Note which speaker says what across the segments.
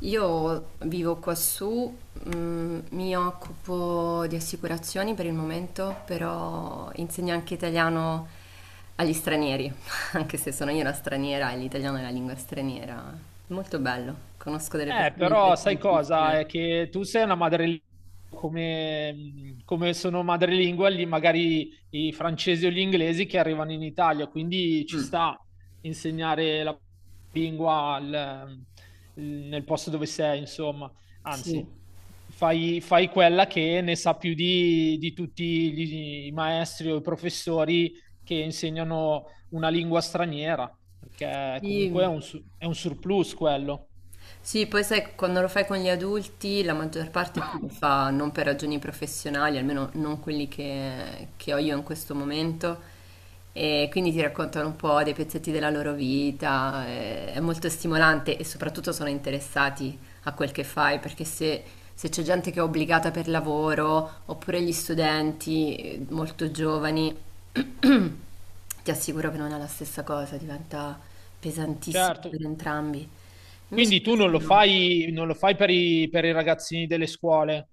Speaker 1: Io vivo quassù, mhmm, mi occupo di assicurazioni per il momento, però insegno anche italiano agli stranieri, anche se sono io una straniera e l'italiano è la lingua straniera. Molto bello, conosco delle persone
Speaker 2: Però sai cosa?
Speaker 1: interessantissime.
Speaker 2: È che tu sei una madrelingua come sono madrelingua lì magari i francesi o gli inglesi che arrivano in Italia, quindi ci
Speaker 1: Mh,
Speaker 2: sta insegnare la lingua nel posto dove sei, insomma.
Speaker 1: sì.
Speaker 2: Anzi, fai quella che ne sa più di i maestri o i professori che insegnano una lingua straniera, perché comunque è
Speaker 1: Sì.
Speaker 2: è un surplus quello.
Speaker 1: Sì, poi sai, quando lo fai con gli adulti, la maggior parte qui lo fa non per ragioni professionali, almeno non quelli che ho io in questo momento, e quindi ti raccontano un po' dei pezzetti della loro vita, è molto stimolante e soprattutto sono interessati a quel che fai, perché se, se c'è gente che è obbligata per lavoro, oppure gli studenti molto giovani, ti assicuro che non è la stessa cosa, diventa pesantissimo
Speaker 2: Certo.
Speaker 1: per entrambi. Invece
Speaker 2: Quindi tu non
Speaker 1: così
Speaker 2: lo
Speaker 1: no.
Speaker 2: fai, non lo fai per per i ragazzini delle scuole?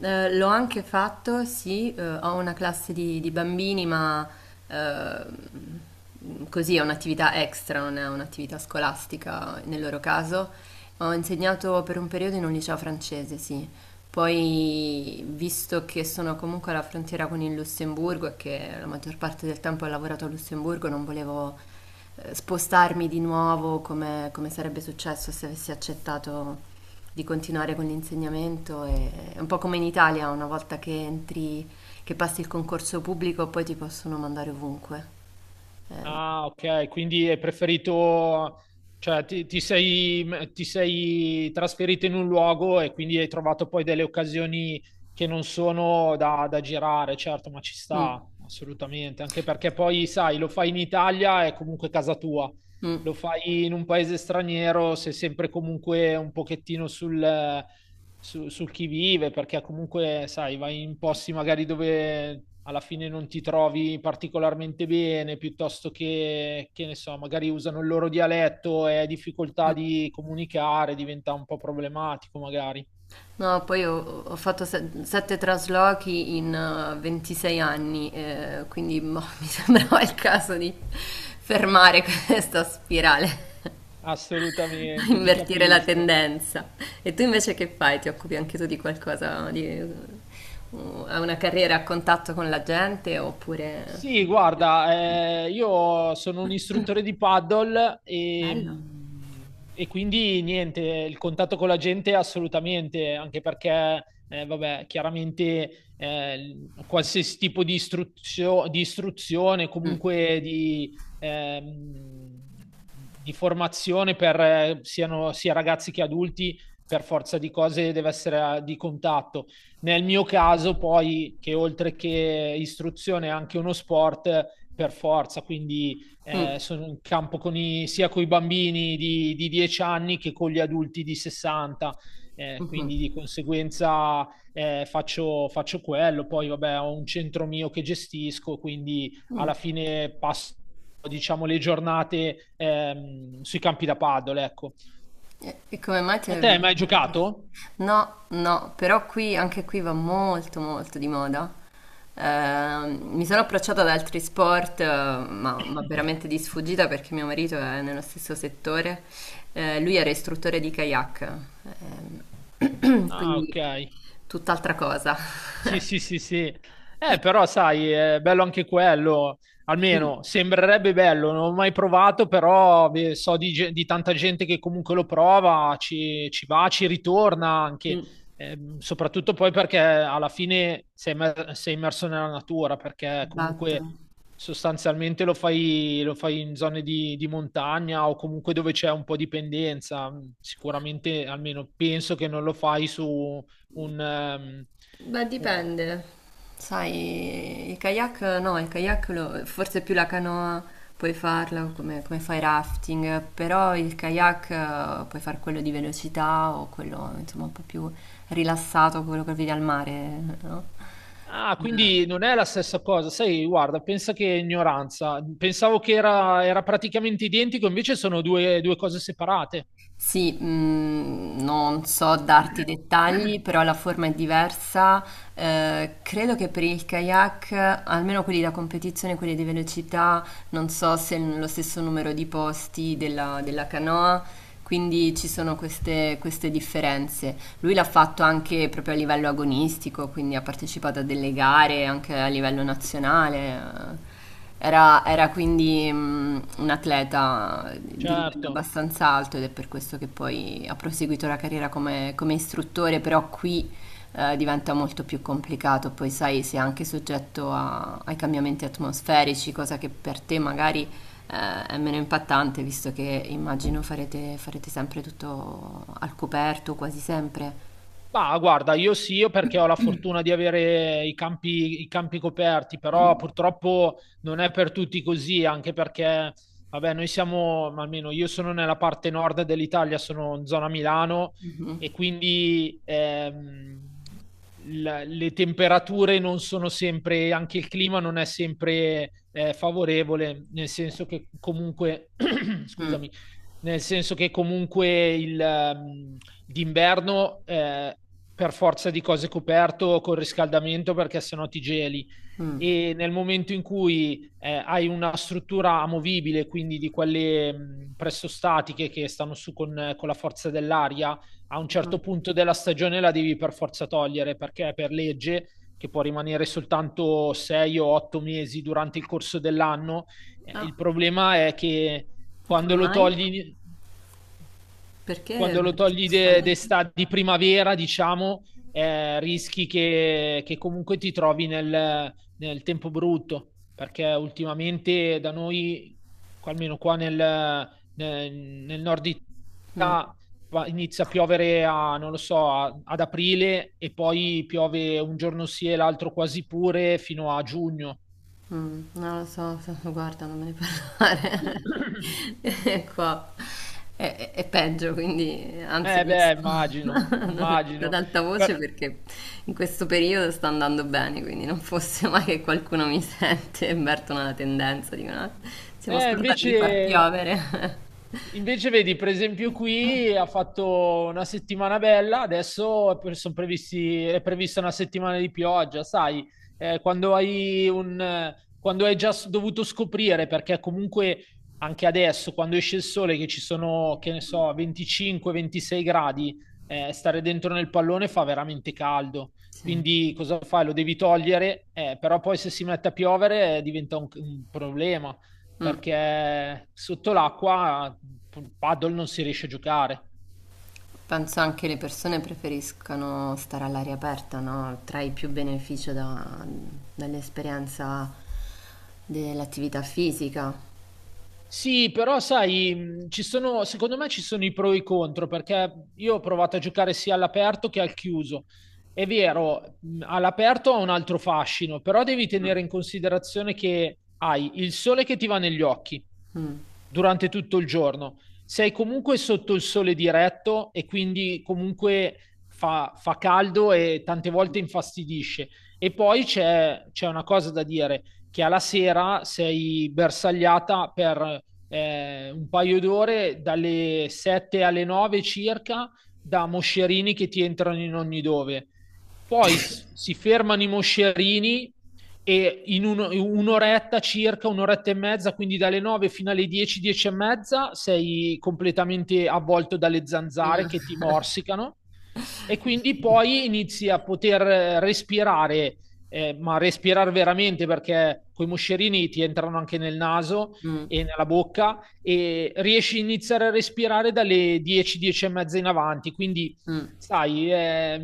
Speaker 1: L'ho anche fatto, sì, ho una classe di bambini, ma così è un'attività extra, non è un'attività scolastica nel loro caso. Ho insegnato per un periodo in un liceo francese, sì. Poi, visto che sono comunque alla frontiera con il Lussemburgo e che la maggior parte del tempo ho lavorato a Lussemburgo, non volevo spostarmi di nuovo come, come sarebbe successo se avessi accettato di continuare con l'insegnamento. È un po' come in Italia, una volta che entri, che passi il concorso pubblico, poi ti possono mandare ovunque. Eh,
Speaker 2: Ah, ok, quindi hai preferito, cioè ti sei trasferito in un luogo e quindi hai trovato poi delle occasioni che non sono da girare, certo, ma ci
Speaker 1: mm,
Speaker 2: sta, assolutamente, anche perché poi, sai, lo fai in Italia è comunque casa tua,
Speaker 1: mm,
Speaker 2: lo fai in un paese straniero, sei sempre comunque un pochettino sul sul chi vive, perché comunque, sai, vai in posti magari dove alla fine non ti trovi particolarmente bene, piuttosto che ne so, magari usano il loro dialetto e hai difficoltà
Speaker 1: mm.
Speaker 2: di comunicare, diventa un po' problematico magari.
Speaker 1: No, poi ho fatto sette traslochi in 26 anni, quindi boh, mi sembrava il caso di fermare questa spirale,
Speaker 2: Assolutamente, ti
Speaker 1: invertire la
Speaker 2: capisco.
Speaker 1: tendenza. E tu invece che fai? Ti occupi anche tu di qualcosa, di, hai una carriera a contatto con la gente
Speaker 2: Sì,
Speaker 1: oppure...
Speaker 2: guarda, io sono un istruttore di paddle
Speaker 1: Bello.
Speaker 2: e quindi niente, il contatto con la gente assolutamente, anche perché, vabbè, chiaramente qualsiasi tipo di istruzione,
Speaker 1: Mm,
Speaker 2: comunque di formazione per siano sia ragazzi che adulti, per forza di cose deve essere di contatto. Nel mio caso, poi, che oltre che istruzione è anche uno sport per forza, quindi
Speaker 1: mm,
Speaker 2: sono in campo con sia con i bambini di 10 anni che con gli adulti di 60,
Speaker 1: mhm,
Speaker 2: quindi di conseguenza faccio quello. Poi, vabbè, ho un centro mio che gestisco, quindi alla
Speaker 1: mm.
Speaker 2: fine passo, diciamo, le giornate sui campi da paddle, ecco.
Speaker 1: E come mai ti
Speaker 2: A te hai
Speaker 1: avevano
Speaker 2: mai
Speaker 1: questa
Speaker 2: giocato?
Speaker 1: passione? No, no, però qui, anche qui va molto molto di moda. Mi sono approcciata ad altri sport, ma veramente di sfuggita perché mio marito è nello stesso settore. Lui era istruttore di kayak,
Speaker 2: Ah,
Speaker 1: quindi
Speaker 2: ok.
Speaker 1: tutt'altra cosa.
Speaker 2: Sì, sì, sì, sì. Però sai, è bello anche quello,
Speaker 1: Mm,
Speaker 2: almeno sembrerebbe bello, non ho mai provato, però beh, so di, di tanta gente che comunque lo prova, ci va, ci ritorna anche.
Speaker 1: mm,
Speaker 2: Soprattutto poi perché alla fine sei immerso nella natura, perché comunque
Speaker 1: esatto.
Speaker 2: sostanzialmente lo fai in zone di montagna o comunque dove c'è un po' di pendenza, sicuramente almeno penso che non lo fai su un... ehm,
Speaker 1: Beh, dipende. Sai, il kayak no, il kayak forse più la canoa puoi farla come, come fai rafting, però il kayak puoi fare quello di velocità o quello insomma un po' più rilassato, quello che vedi al mare, no?
Speaker 2: Ah, quindi non è la stessa cosa. Sai, guarda, pensa che ignoranza. Pensavo che era, era praticamente identico, invece sono due cose separate.
Speaker 1: Sì, mm, non so darti dettagli, però la forma è diversa. Credo che per il kayak, almeno quelli da competizione, quelli di velocità, non so se hanno lo stesso numero di posti della, della canoa, quindi ci sono queste differenze. Lui l'ha fatto anche proprio a livello agonistico, quindi ha partecipato a delle gare anche a livello nazionale. Era quindi mm, un atleta di livello
Speaker 2: Certo.
Speaker 1: abbastanza alto ed è per questo che poi ha proseguito la carriera come, come istruttore, però qui diventa molto più complicato, poi sai, sei anche soggetto ai cambiamenti atmosferici, cosa che per te magari è meno impattante, visto che immagino farete, farete sempre tutto al coperto, quasi sempre.
Speaker 2: Bah, guarda, io sì, io perché ho la fortuna di avere i campi coperti, però
Speaker 1: Mh.
Speaker 2: purtroppo non è per tutti così, anche perché, vabbè, noi siamo, ma almeno io sono nella parte nord dell'Italia, sono in zona Milano
Speaker 1: Mh-mh.
Speaker 2: e quindi le temperature non sono sempre, anche il clima non è sempre favorevole, nel senso che comunque,
Speaker 1: Mh.
Speaker 2: scusami, nel senso che comunque d'inverno per forza di cose coperto col riscaldamento perché sennò ti geli
Speaker 1: Mh.
Speaker 2: e nel momento in cui hai una struttura amovibile, quindi di quelle presto statiche che stanno su con la forza dell'aria, a un
Speaker 1: Mh.
Speaker 2: certo punto della stagione la devi per forza togliere perché per legge che può rimanere soltanto 6 o 8 mesi durante il corso dell'anno.
Speaker 1: Ah,
Speaker 2: Il problema è che
Speaker 1: e
Speaker 2: quando
Speaker 1: come
Speaker 2: lo
Speaker 1: mai?
Speaker 2: togli,
Speaker 1: Perché
Speaker 2: quando lo
Speaker 1: c'è
Speaker 2: togli
Speaker 1: questa legge?
Speaker 2: d'estate, di primavera, diciamo, rischi che comunque ti trovi nel tempo brutto, perché ultimamente da noi, almeno qua nel nord
Speaker 1: Mh.
Speaker 2: Italia, inizia a piovere a, non lo so, ad aprile e poi piove un giorno sì e l'altro quasi pure fino a giugno.
Speaker 1: Mh. Non lo so, f guarda, non me ne parlare. E qua è peggio, quindi anzi
Speaker 2: Eh
Speaker 1: adesso
Speaker 2: beh, immagino,
Speaker 1: non lo dico ad
Speaker 2: immagino.
Speaker 1: alta voce
Speaker 2: Per-
Speaker 1: perché in questo periodo sta andando bene, quindi non fosse mai che qualcuno mi sente e avvertono la tendenza, dicono: "Ah, siamo
Speaker 2: Eh,
Speaker 1: scordati di far
Speaker 2: invece,
Speaker 1: piovere."
Speaker 2: invece vedi, per esempio qui ha fatto una settimana bella, adesso è prevista una settimana di pioggia, sai, quando hai quando hai già dovuto scoprire, perché comunque anche adesso, quando esce il sole, che ci sono, che ne so, 25-26 gradi, stare dentro nel pallone fa veramente caldo.
Speaker 1: Sì.
Speaker 2: Quindi cosa fai? Lo devi togliere, però poi se si mette a piovere diventa un problema
Speaker 1: Mh.
Speaker 2: perché sotto l'acqua paddle non si riesce a giocare.
Speaker 1: Penso anche le persone preferiscano stare all'aria aperta, no? Trai più beneficio dall'esperienza dell'attività fisica.
Speaker 2: Sì, però sai, mm, ci sono, secondo me ci sono i pro e i contro, perché io ho provato a giocare sia all'aperto che al chiuso. È vero, all'aperto ha un altro fascino, però devi tenere in considerazione che hai il sole che ti va negli occhi,
Speaker 1: Mm.
Speaker 2: durante tutto il giorno. Sei comunque sotto il sole diretto e quindi comunque fa, fa caldo e tante volte infastidisce. E poi c'è una cosa da dire, che alla sera sei bersagliata per un paio d'ore, dalle 7 alle 9 circa, da moscerini che ti entrano in ogni dove. Poi si fermano i moscerini e un'oretta circa, un'oretta e mezza, quindi dalle 9 fino alle 10, 10 e mezza, sei completamente avvolto dalle zanzare che ti morsicano e quindi poi inizi a poter respirare, ma respirare veramente perché coi moscerini ti entrano anche nel naso
Speaker 1: Mm.
Speaker 2: e nella bocca e riesci a iniziare a respirare dalle 10, 10 e mezza in avanti, quindi
Speaker 1: Mm.
Speaker 2: sai,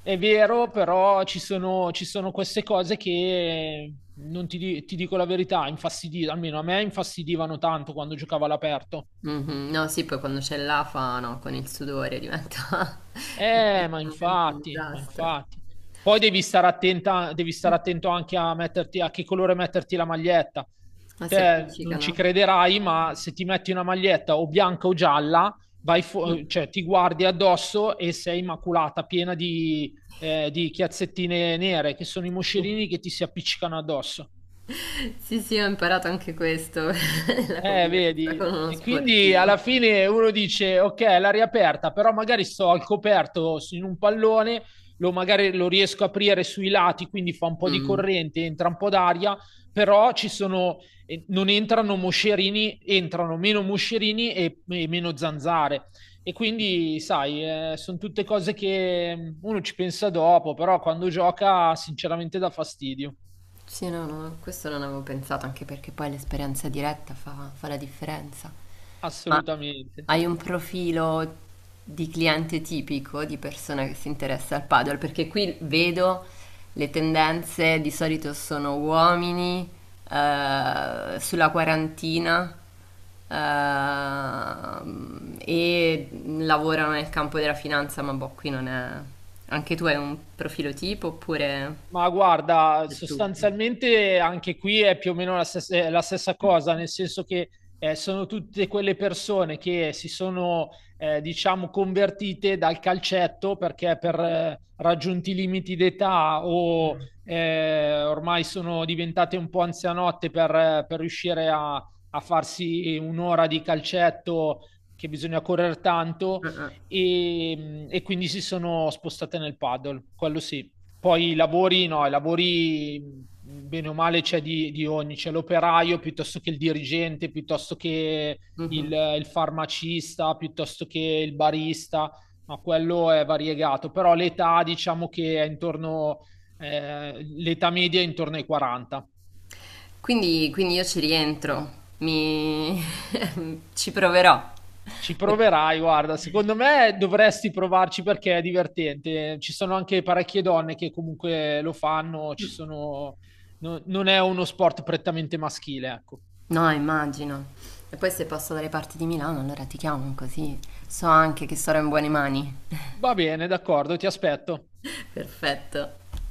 Speaker 2: è vero, però ci sono queste cose che non ti, di- ti dico la verità, infastidivano, almeno a me infastidivano tanto quando giocavo all'aperto.
Speaker 1: Mhm. No, sì, poi quando c'è l'afa, no, con il sudore diventa
Speaker 2: Ma
Speaker 1: effettivamente un
Speaker 2: infatti, ma
Speaker 1: disastro.
Speaker 2: infatti. Poi devi stare attenta, devi stare attento anche a metterti, a che colore metterti la maglietta.
Speaker 1: Ma si
Speaker 2: Te non ci
Speaker 1: appiccicano.
Speaker 2: crederai, ma se ti metti una maglietta o bianca o gialla,
Speaker 1: Mm.
Speaker 2: cioè, ti guardi addosso e sei maculata, piena di chiazzettine nere, che sono i moscerini che ti si appiccicano addosso.
Speaker 1: Sì, sì, ho imparato anche questo, la convivenza
Speaker 2: Vedi?
Speaker 1: con uno
Speaker 2: E quindi
Speaker 1: sportivo.
Speaker 2: alla fine uno dice, ok, l'aria aperta, però magari sto al coperto in un pallone, lo magari lo riesco a aprire sui lati, quindi fa un po' di
Speaker 1: Mm.
Speaker 2: corrente, entra un po' d'aria, però ci sono, non entrano moscerini, entrano meno moscerini e meno zanzare. E quindi, sai, sono tutte cose che mm, uno ci pensa dopo, però quando gioca sinceramente dà fastidio,
Speaker 1: Sì, no, no, questo non avevo pensato, anche perché poi l'esperienza diretta fa la differenza. Ma
Speaker 2: assolutamente.
Speaker 1: hai un profilo di cliente tipico, di persona che si interessa al paddle? Perché qui vedo le tendenze, di solito sono uomini, sulla 40, e lavorano nel campo della finanza, ma boh, qui non è... Anche tu hai un profilo tipo oppure...
Speaker 2: Ma guarda,
Speaker 1: È tutto.
Speaker 2: sostanzialmente anche qui è più o meno la stessa, è la stessa cosa, nel senso che sono tutte quelle persone che si sono, diciamo, convertite dal calcetto perché per raggiunti limiti d'età o ormai sono diventate un po' anzianotte per riuscire a farsi un'ora di calcetto che bisogna correre tanto e quindi si sono spostate nel paddle, quello sì. Poi i lavori, no, i lavori bene o male c'è di ogni, c'è l'operaio piuttosto che il dirigente, piuttosto che
Speaker 1: Mhm.
Speaker 2: il farmacista, piuttosto che il barista, ma quello è variegato. Però l'età diciamo che è intorno, l'età media è intorno ai 40.
Speaker 1: Quindi io ci rientro, mi... ci proverò.
Speaker 2: Ci
Speaker 1: E-
Speaker 2: proverai, guarda, secondo me dovresti provarci perché è divertente. Ci sono anche parecchie donne che comunque lo fanno, ci sono... non è uno sport prettamente maschile, ecco.
Speaker 1: No, immagino. E poi se passo dalle parti di Milano, allora ti chiamo così so anche che sarò in buone mani.
Speaker 2: Va bene, d'accordo, ti aspetto.
Speaker 1: Perfetto.